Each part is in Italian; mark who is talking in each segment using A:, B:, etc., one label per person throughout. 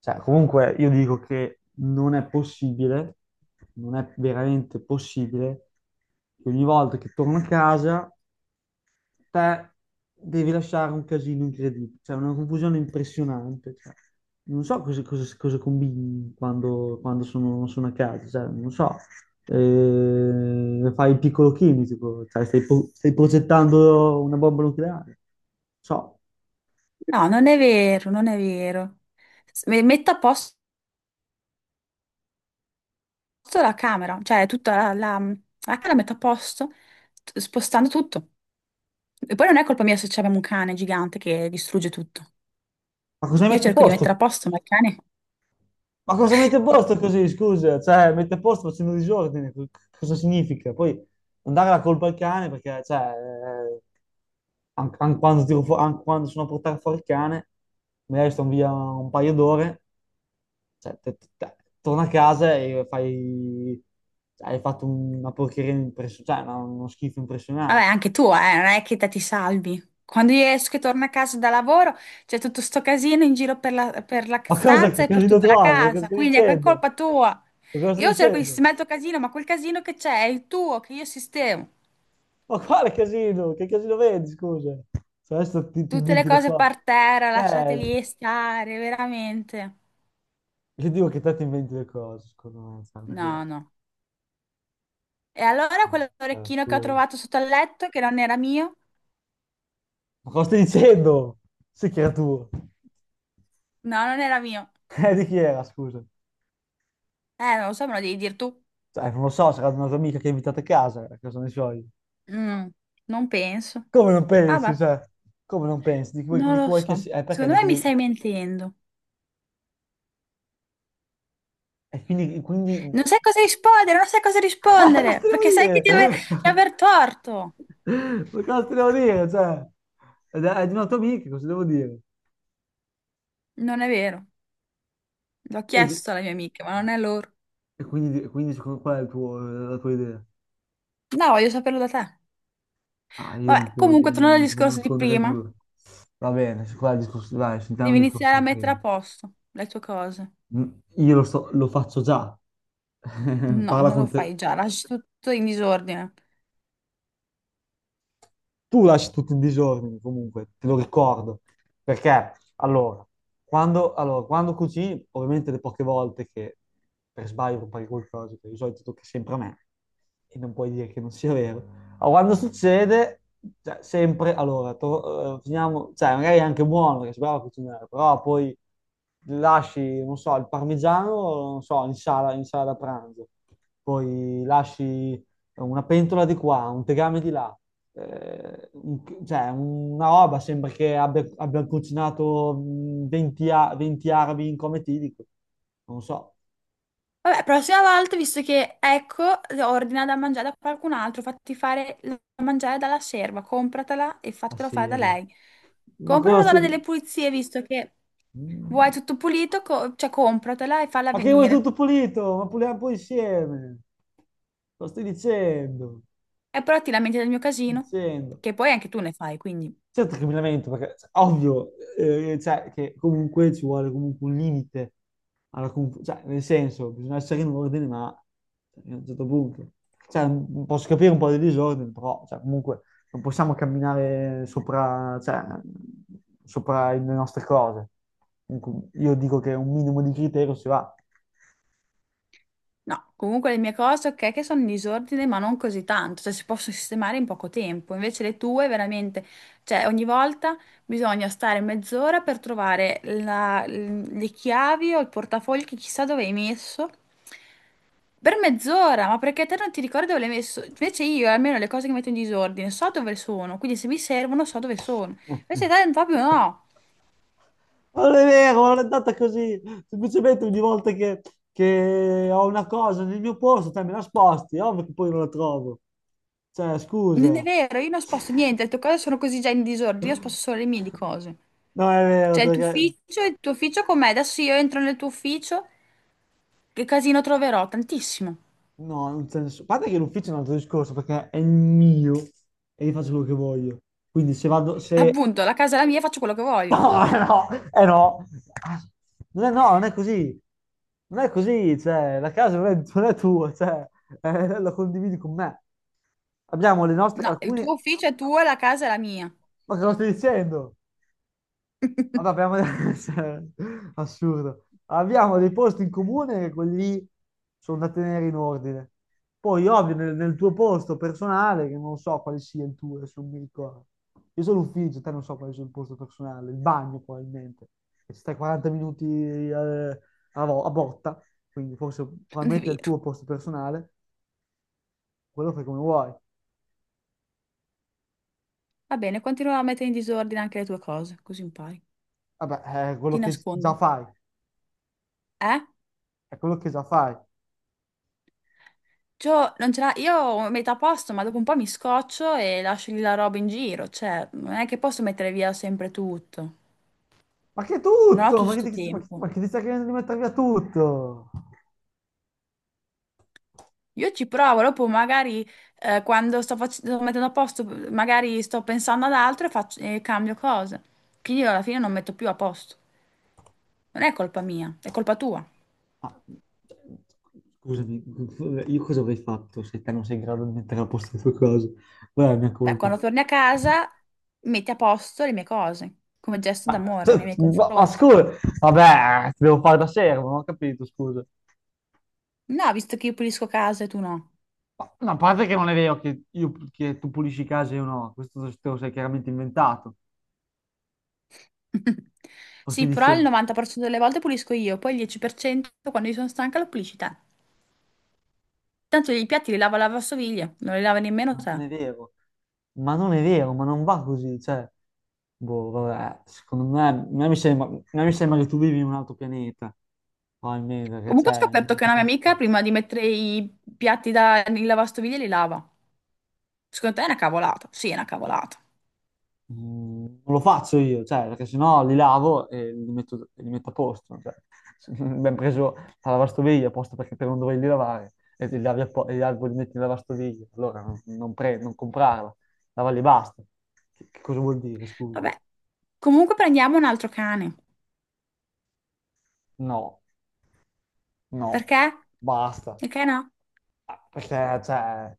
A: Comunque, io dico che non è possibile, non è veramente possibile che ogni volta che torno a casa te devi lasciare un casino incredibile, cioè una confusione impressionante. Non so cosa combini quando sono a casa, cioè, non so, fai il piccolo chimico, cioè, stai progettando una bomba nucleare, non so,
B: No, non è vero, non è vero. Metto a posto la camera, cioè tutta la camera metto a posto spostando tutto. E poi non è colpa mia se abbiamo un cane gigante che distrugge tutto.
A: ma cosa hai
B: Io
A: messo a
B: cerco di mettere a
A: posto?
B: posto, ma il cane...
A: Ma cosa mette a posto così, scusa? Cioè, mette a posto facendo disordine, cosa significa? Poi non dare la colpa al cane perché, cioè, quando, tiro fu- an- quando sono a portare fuori il cane, magari sto via un paio d'ore, cioè, torna a casa e fai... cioè, hai fatto una porcheria impressionante, cioè, uno schifo
B: Vabbè,
A: impressionante.
B: anche tu, non è che te ti salvi. Quando io esco e torno a casa da lavoro, c'è tutto sto casino in giro per la
A: Ma cosa
B: stanza
A: che
B: e per
A: così lo
B: tutta la
A: trovi? Cosa
B: casa,
A: sto
B: quindi è
A: dicendo?
B: colpa tua.
A: Ma cosa sto
B: Io cerco di
A: dicendo?
B: sistemare il tuo casino, ma quel casino che c'è è il tuo, che io sistemo.
A: Ma quale casino? Che casino vedi, scusa? Se adesso ti
B: Tutte le
A: inventi le
B: cose
A: cose.
B: per terra,
A: Eh,
B: lasciateli stare, veramente.
A: io dico che te ti inventi le cose, secondo me, cioè,
B: No,
A: perché...
B: no. E allora
A: Vabbè, cioè, è
B: quell'orecchino che ho
A: assurdo.
B: trovato sotto al letto, che non era mio?
A: Ma cosa stai dicendo? Sì che era tuo.
B: No, non era mio.
A: Di chi era, scusa?
B: Non lo so, me lo devi dire tu.
A: Cioè, non lo so, sarà di una tua amica che hai invitato a casa ne so io.
B: Mm, non penso.
A: Come non
B: Ah,
A: pensi,
B: ma
A: cioè? Come non pensi?
B: non
A: Di chi
B: lo
A: vuoi che
B: so.
A: sia? Perché?
B: Secondo
A: Di
B: me mi
A: chi...
B: stai mentendo.
A: E quindi... quindi...
B: Non sai cosa rispondere, non sai cosa
A: Cosa
B: rispondere,
A: devo
B: perché sai che
A: dire?
B: di aver torto.
A: Ma cosa ti devo dire? Cioè, è di una tua amica, cosa devo dire?
B: Non è vero. L'ho
A: E, di-
B: chiesto alla mia amica, ma non è loro.
A: e quindi, e quindi qual è la tua idea?
B: No, voglio saperlo da te.
A: Ah, io non
B: Vabbè,
A: ti devo
B: comunque,
A: dire,
B: tornando al
A: non ti devo
B: discorso di
A: nascondere
B: prima.
A: nulla. Va bene, qua il discorso, dai, sentiamo
B: Devi
A: il discorso
B: iniziare a
A: di
B: mettere
A: prima.
B: a posto le tue cose.
A: Mm, io lo faccio già.
B: No,
A: Parla
B: non lo
A: con
B: fai
A: te,
B: già, lasci tutto in disordine.
A: tu lasci tutto in disordine comunque, te lo ricordo. Perché, allora, allora, quando cucini, ovviamente le poche volte che per sbaglio compari qualcosa, che di solito tocca sempre a me, e non puoi dire che non sia vero. Ma quando succede, cioè, sempre, allora, finiamo, cioè, magari è anche buono, perché si brava a cucinare, però poi lasci, non so, il parmigiano, non so, in sala da pranzo, poi lasci una pentola di qua, un tegame di là, eh, un- cioè una roba, sembra che abbia cucinato 20, 20 arabi in cometidico. Non so,
B: Vabbè, prossima volta, visto che ecco, ordina da mangiare da qualcun altro, fatti fare da mangiare dalla serva, compratela e
A: ma
B: fatela fare da
A: serio.
B: lei.
A: Ma
B: Compra
A: cosa
B: una donna
A: stai...
B: delle pulizie, visto che vuoi
A: Mm.
B: tutto pulito, cioè compratela e falla
A: Ma che vuoi
B: venire.
A: tutto pulito? Ma puliamo poi insieme. Lo stai dicendo?
B: E però ti lamenti del mio casino,
A: Dicendo.
B: che poi anche tu ne fai, quindi.
A: Certo che mi lamento, perché cioè, ovvio, cioè, che comunque ci vuole comunque un limite alla cioè, nel senso, bisogna essere in ordine, ma cioè, a un certo punto. Cioè, posso capire un po' di disordine, però cioè, comunque non possiamo camminare sopra, cioè, sopra le nostre cose. Comunque, io dico che un minimo di criterio si va.
B: No, comunque le mie cose, ok, che sono in disordine, ma non così tanto, cioè si possono sistemare in poco tempo. Invece le tue veramente, cioè ogni volta bisogna stare mezz'ora per trovare le chiavi o il portafoglio che chissà dove hai messo. Per mezz'ora, ma perché te non ti ricordi dove l'hai messo? Invece io, almeno le cose che metto in disordine, so dove sono, quindi se mi servono so dove sono. Invece te proprio no,
A: Ma non è vero, ma non è andata così. Semplicemente ogni volta che ho una cosa nel mio posto, te me la sposti, è ovvio che poi non la trovo. Cioè,
B: non è
A: scusa.
B: vero, io non sposto niente, le tue cose sono così già in disordine, io sposto solo le mie di cose.
A: No, è vero,
B: Cioè,
A: perché...
B: il tuo ufficio com'è? Adesso io entro nel tuo ufficio, che casino troverò? Tantissimo.
A: No, non c'è nessuno. A parte che l'ufficio è un altro discorso, perché è il mio e io faccio quello che voglio. Quindi se vado, se
B: Appunto, la casa è la mia, faccio quello che voglio.
A: no, non è, no, non è così, non è così, cioè, la casa non è, non è tua, cioè, la condividi con me. Abbiamo le nostre,
B: No, il
A: alcuni,
B: tuo ufficio è tuo, la casa è la mia.
A: ma cosa stai dicendo? Vabbè, abbiamo... cioè, assurdo. Abbiamo dei posti in comune che quelli sono da tenere in ordine. Poi, ovvio, nel tuo posto personale, che non so quale sia il tuo, adesso non mi ricordo. Io sono l'ufficio, te non so quale sia il posto personale, il bagno probabilmente. E ci stai 40 minuti a botta, quindi forse
B: Non è
A: probabilmente è il
B: vero.
A: tuo posto personale, quello fai come vuoi.
B: Va bene, continuo a mettere in disordine anche le tue cose, così impari.
A: Vabbè, è
B: Ti
A: quello che
B: nascondo.
A: già fai,
B: Eh?
A: è quello che già fai.
B: Cioè, non ce l'ha, io ho metà a posto, ma dopo un po' mi scoccio e lascio lì la roba in giro. Cioè, non è che posso mettere via sempre tutto.
A: Ma che
B: Non ho
A: tutto?
B: tutto sto tempo.
A: Ma che ti stai chiedendo di mettere via tutto?
B: Io ci provo, dopo magari quando sto, sto mettendo a posto, magari sto pensando ad altro e, e cambio cose. Quindi io alla fine non metto più a posto. Non è colpa mia, è colpa tua.
A: Ah, scusami, io cosa avrei fatto se te non sei in grado di mettere a posto le tue cose? Qual è la mia
B: Beh,
A: colpa?
B: quando torni a casa metti a posto le mie cose, come gesto
A: Ma,
B: d'amore nei
A: cioè,
B: miei
A: ma
B: confronti.
A: scusa, vabbè, ti devo fare da servo, non ho capito, scusa.
B: No, visto che io pulisco casa e tu no.
A: Ma a parte che non è vero che, che tu pulisci i casi o no, questo te lo sei chiaramente inventato, lo stai
B: Sì, però il
A: dicendo.
B: 90% delle volte pulisco io, poi il 10% quando io sono stanca lo pulisci te. Tanto i piatti li lava la lavastoviglie, non li lava nemmeno
A: Ma non
B: te.
A: è vero, ma non è vero, ma non va così, cioè, boh, vabbè, secondo me, a me mi sembra, a me mi sembra che tu vivi in un altro pianeta, probabilmente, perché,
B: Comunque ho
A: cioè,
B: scoperto che una mia amica prima di mettere i piatti da, nel lavastoviglie li lava. Secondo te è una cavolata? Sì, è una cavolata.
A: non lo faccio io, cioè, perché sennò li lavo e li metto a posto, cioè, abbiamo preso la lavastoviglie apposta perché per non doverli lavare, e li lavi a po- e gli alberi li metti in lavastoviglie, allora non comprarla, lavarli e basta. Che cosa vuol dire, scusa?
B: Vabbè. Comunque prendiamo un altro cane.
A: No, no,
B: Perché?
A: basta.
B: Perché no?
A: Perché, cioè,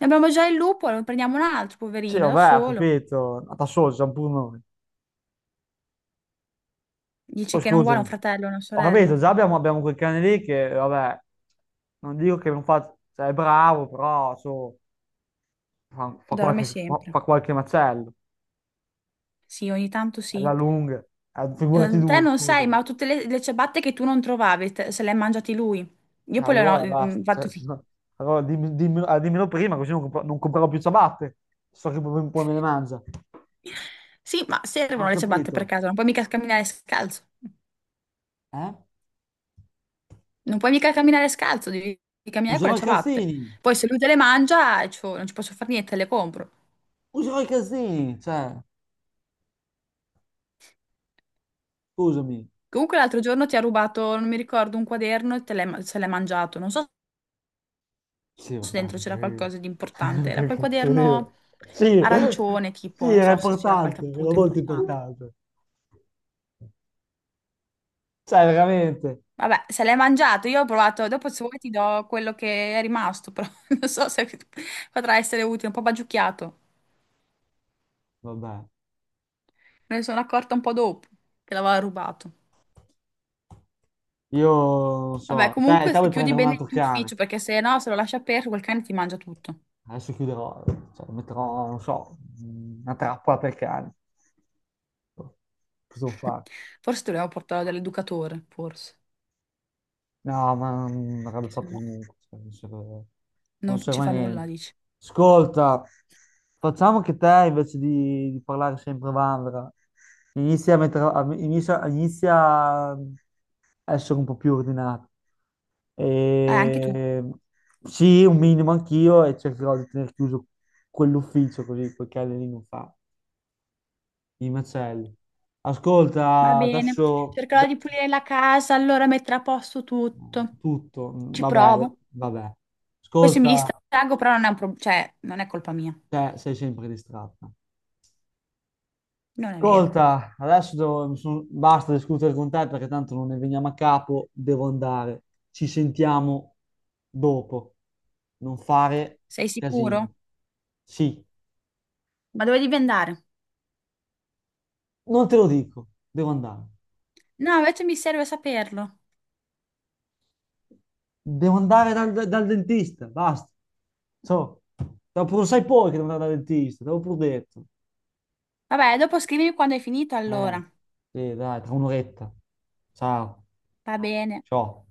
B: Ne abbiamo già il lupo, ne prendiamo un altro,
A: sì,
B: poverino, da
A: vabbè, ho
B: solo.
A: capito, ma da solo siamo pure noi. Poi
B: Dici che non vuole
A: scusami,
B: un fratello o una
A: ho capito,
B: sorella.
A: già abbiamo, abbiamo quel cane lì che, vabbè, non dico che non fa, cioè, è bravo, però, so, fa, fa
B: Dorme
A: qualche, fa,
B: sempre.
A: fa qualche macello,
B: Sì, ogni tanto
A: è la
B: sì.
A: lunga, eh, figurati
B: Te
A: due,
B: non sai,
A: scusami.
B: ma tutte le ciabatte che tu non trovavi, se le hai mangiate lui. Io poi le ho
A: Allora, basta, cioè,
B: fatto
A: se
B: finire.
A: no- allora dimmelo prima, così non, non comprerò più ciabatte, so che poi, poi me le mangia.
B: Sì, ma
A: Ho
B: servono le ciabatte per
A: capito,
B: caso, non puoi mica camminare scalzo.
A: eh?
B: Non puoi mica camminare scalzo, devi camminare con le
A: Userò i
B: ciabatte.
A: calzini,
B: Poi se lui te le mangia, cioè, non ci posso fare niente, te le compro.
A: userò i calzini, cioè... Scusami.
B: Comunque l'altro giorno ti ha rubato, non mi ricordo, un quaderno e te l'hai se l'hai mangiato. Non so
A: Sì,
B: se dentro
A: vabbè.
B: c'era
A: Eh.
B: qualcosa di importante. Era quel
A: Incredibile.
B: quaderno
A: Sì,
B: arancione,
A: sì,
B: tipo, non
A: era
B: so se c'era qualche
A: importante, era
B: appunto
A: molto
B: importante.
A: importante. Cioè, veramente.
B: Vabbè, se l'hai mangiato, io ho provato, dopo se vuoi ti do quello che è rimasto, però non so se potrà essere utile, un po' bagiucchiato.
A: Vabbè.
B: Me ne sono accorta un po' dopo che l'aveva rubato.
A: Io non
B: Vabbè,
A: so. Te,
B: comunque
A: te vuoi
B: chiudi
A: prendere un
B: bene
A: altro
B: il tuo
A: cane?
B: ufficio perché se no, se lo lasci aperto, quel cane ti mangia tutto.
A: Adesso chiuderò. Cioè, metterò, non so, una trappola per cani. Cosa devo fare?
B: Forse dobbiamo portarlo dall'educatore, forse,
A: No, ma non avrebbe
B: che se
A: fatto
B: no
A: comunque, cioè, non serve, non
B: non ci
A: serve a
B: fa nulla,
A: niente.
B: dici.
A: Ascolta, facciamo che te invece di parlare sempre Vandra, inizia a, mettere, a- inizia, inizia a essere un po' più ordinato.
B: Anche tu.
A: E, sì, un minimo anch'io e cercherò di tenere chiuso quell'ufficio così quel cane lì non fa i macelli.
B: Va
A: Ascolta,
B: bene.
A: adesso
B: Cercherò di pulire la casa, allora metterò a posto tutto.
A: tutto,
B: Ci
A: vabbè,
B: provo.
A: vabbè.
B: Poi se mi
A: Ascolta.
B: distraggo, però non è un cioè, non è colpa mia.
A: Cioè, sei sempre distratta.
B: Non è vero.
A: Ascolta, adesso basta discutere con te perché tanto non ne veniamo a capo, devo andare. Ci sentiamo dopo. Non fare
B: Sei sicuro?
A: casini. Sì,
B: Ma dove devi andare?
A: non te lo dico, devo andare.
B: No, invece mi serve saperlo.
A: Devo andare dal, dal dentista, basta. So, dopo lo sai poi che devo andare dal dentista, te l'ho pure detto.
B: Vabbè, dopo scrivimi quando hai finito, allora.
A: Eh, sì, dai, tra un'oretta. Ciao.
B: Va bene.
A: Ciao.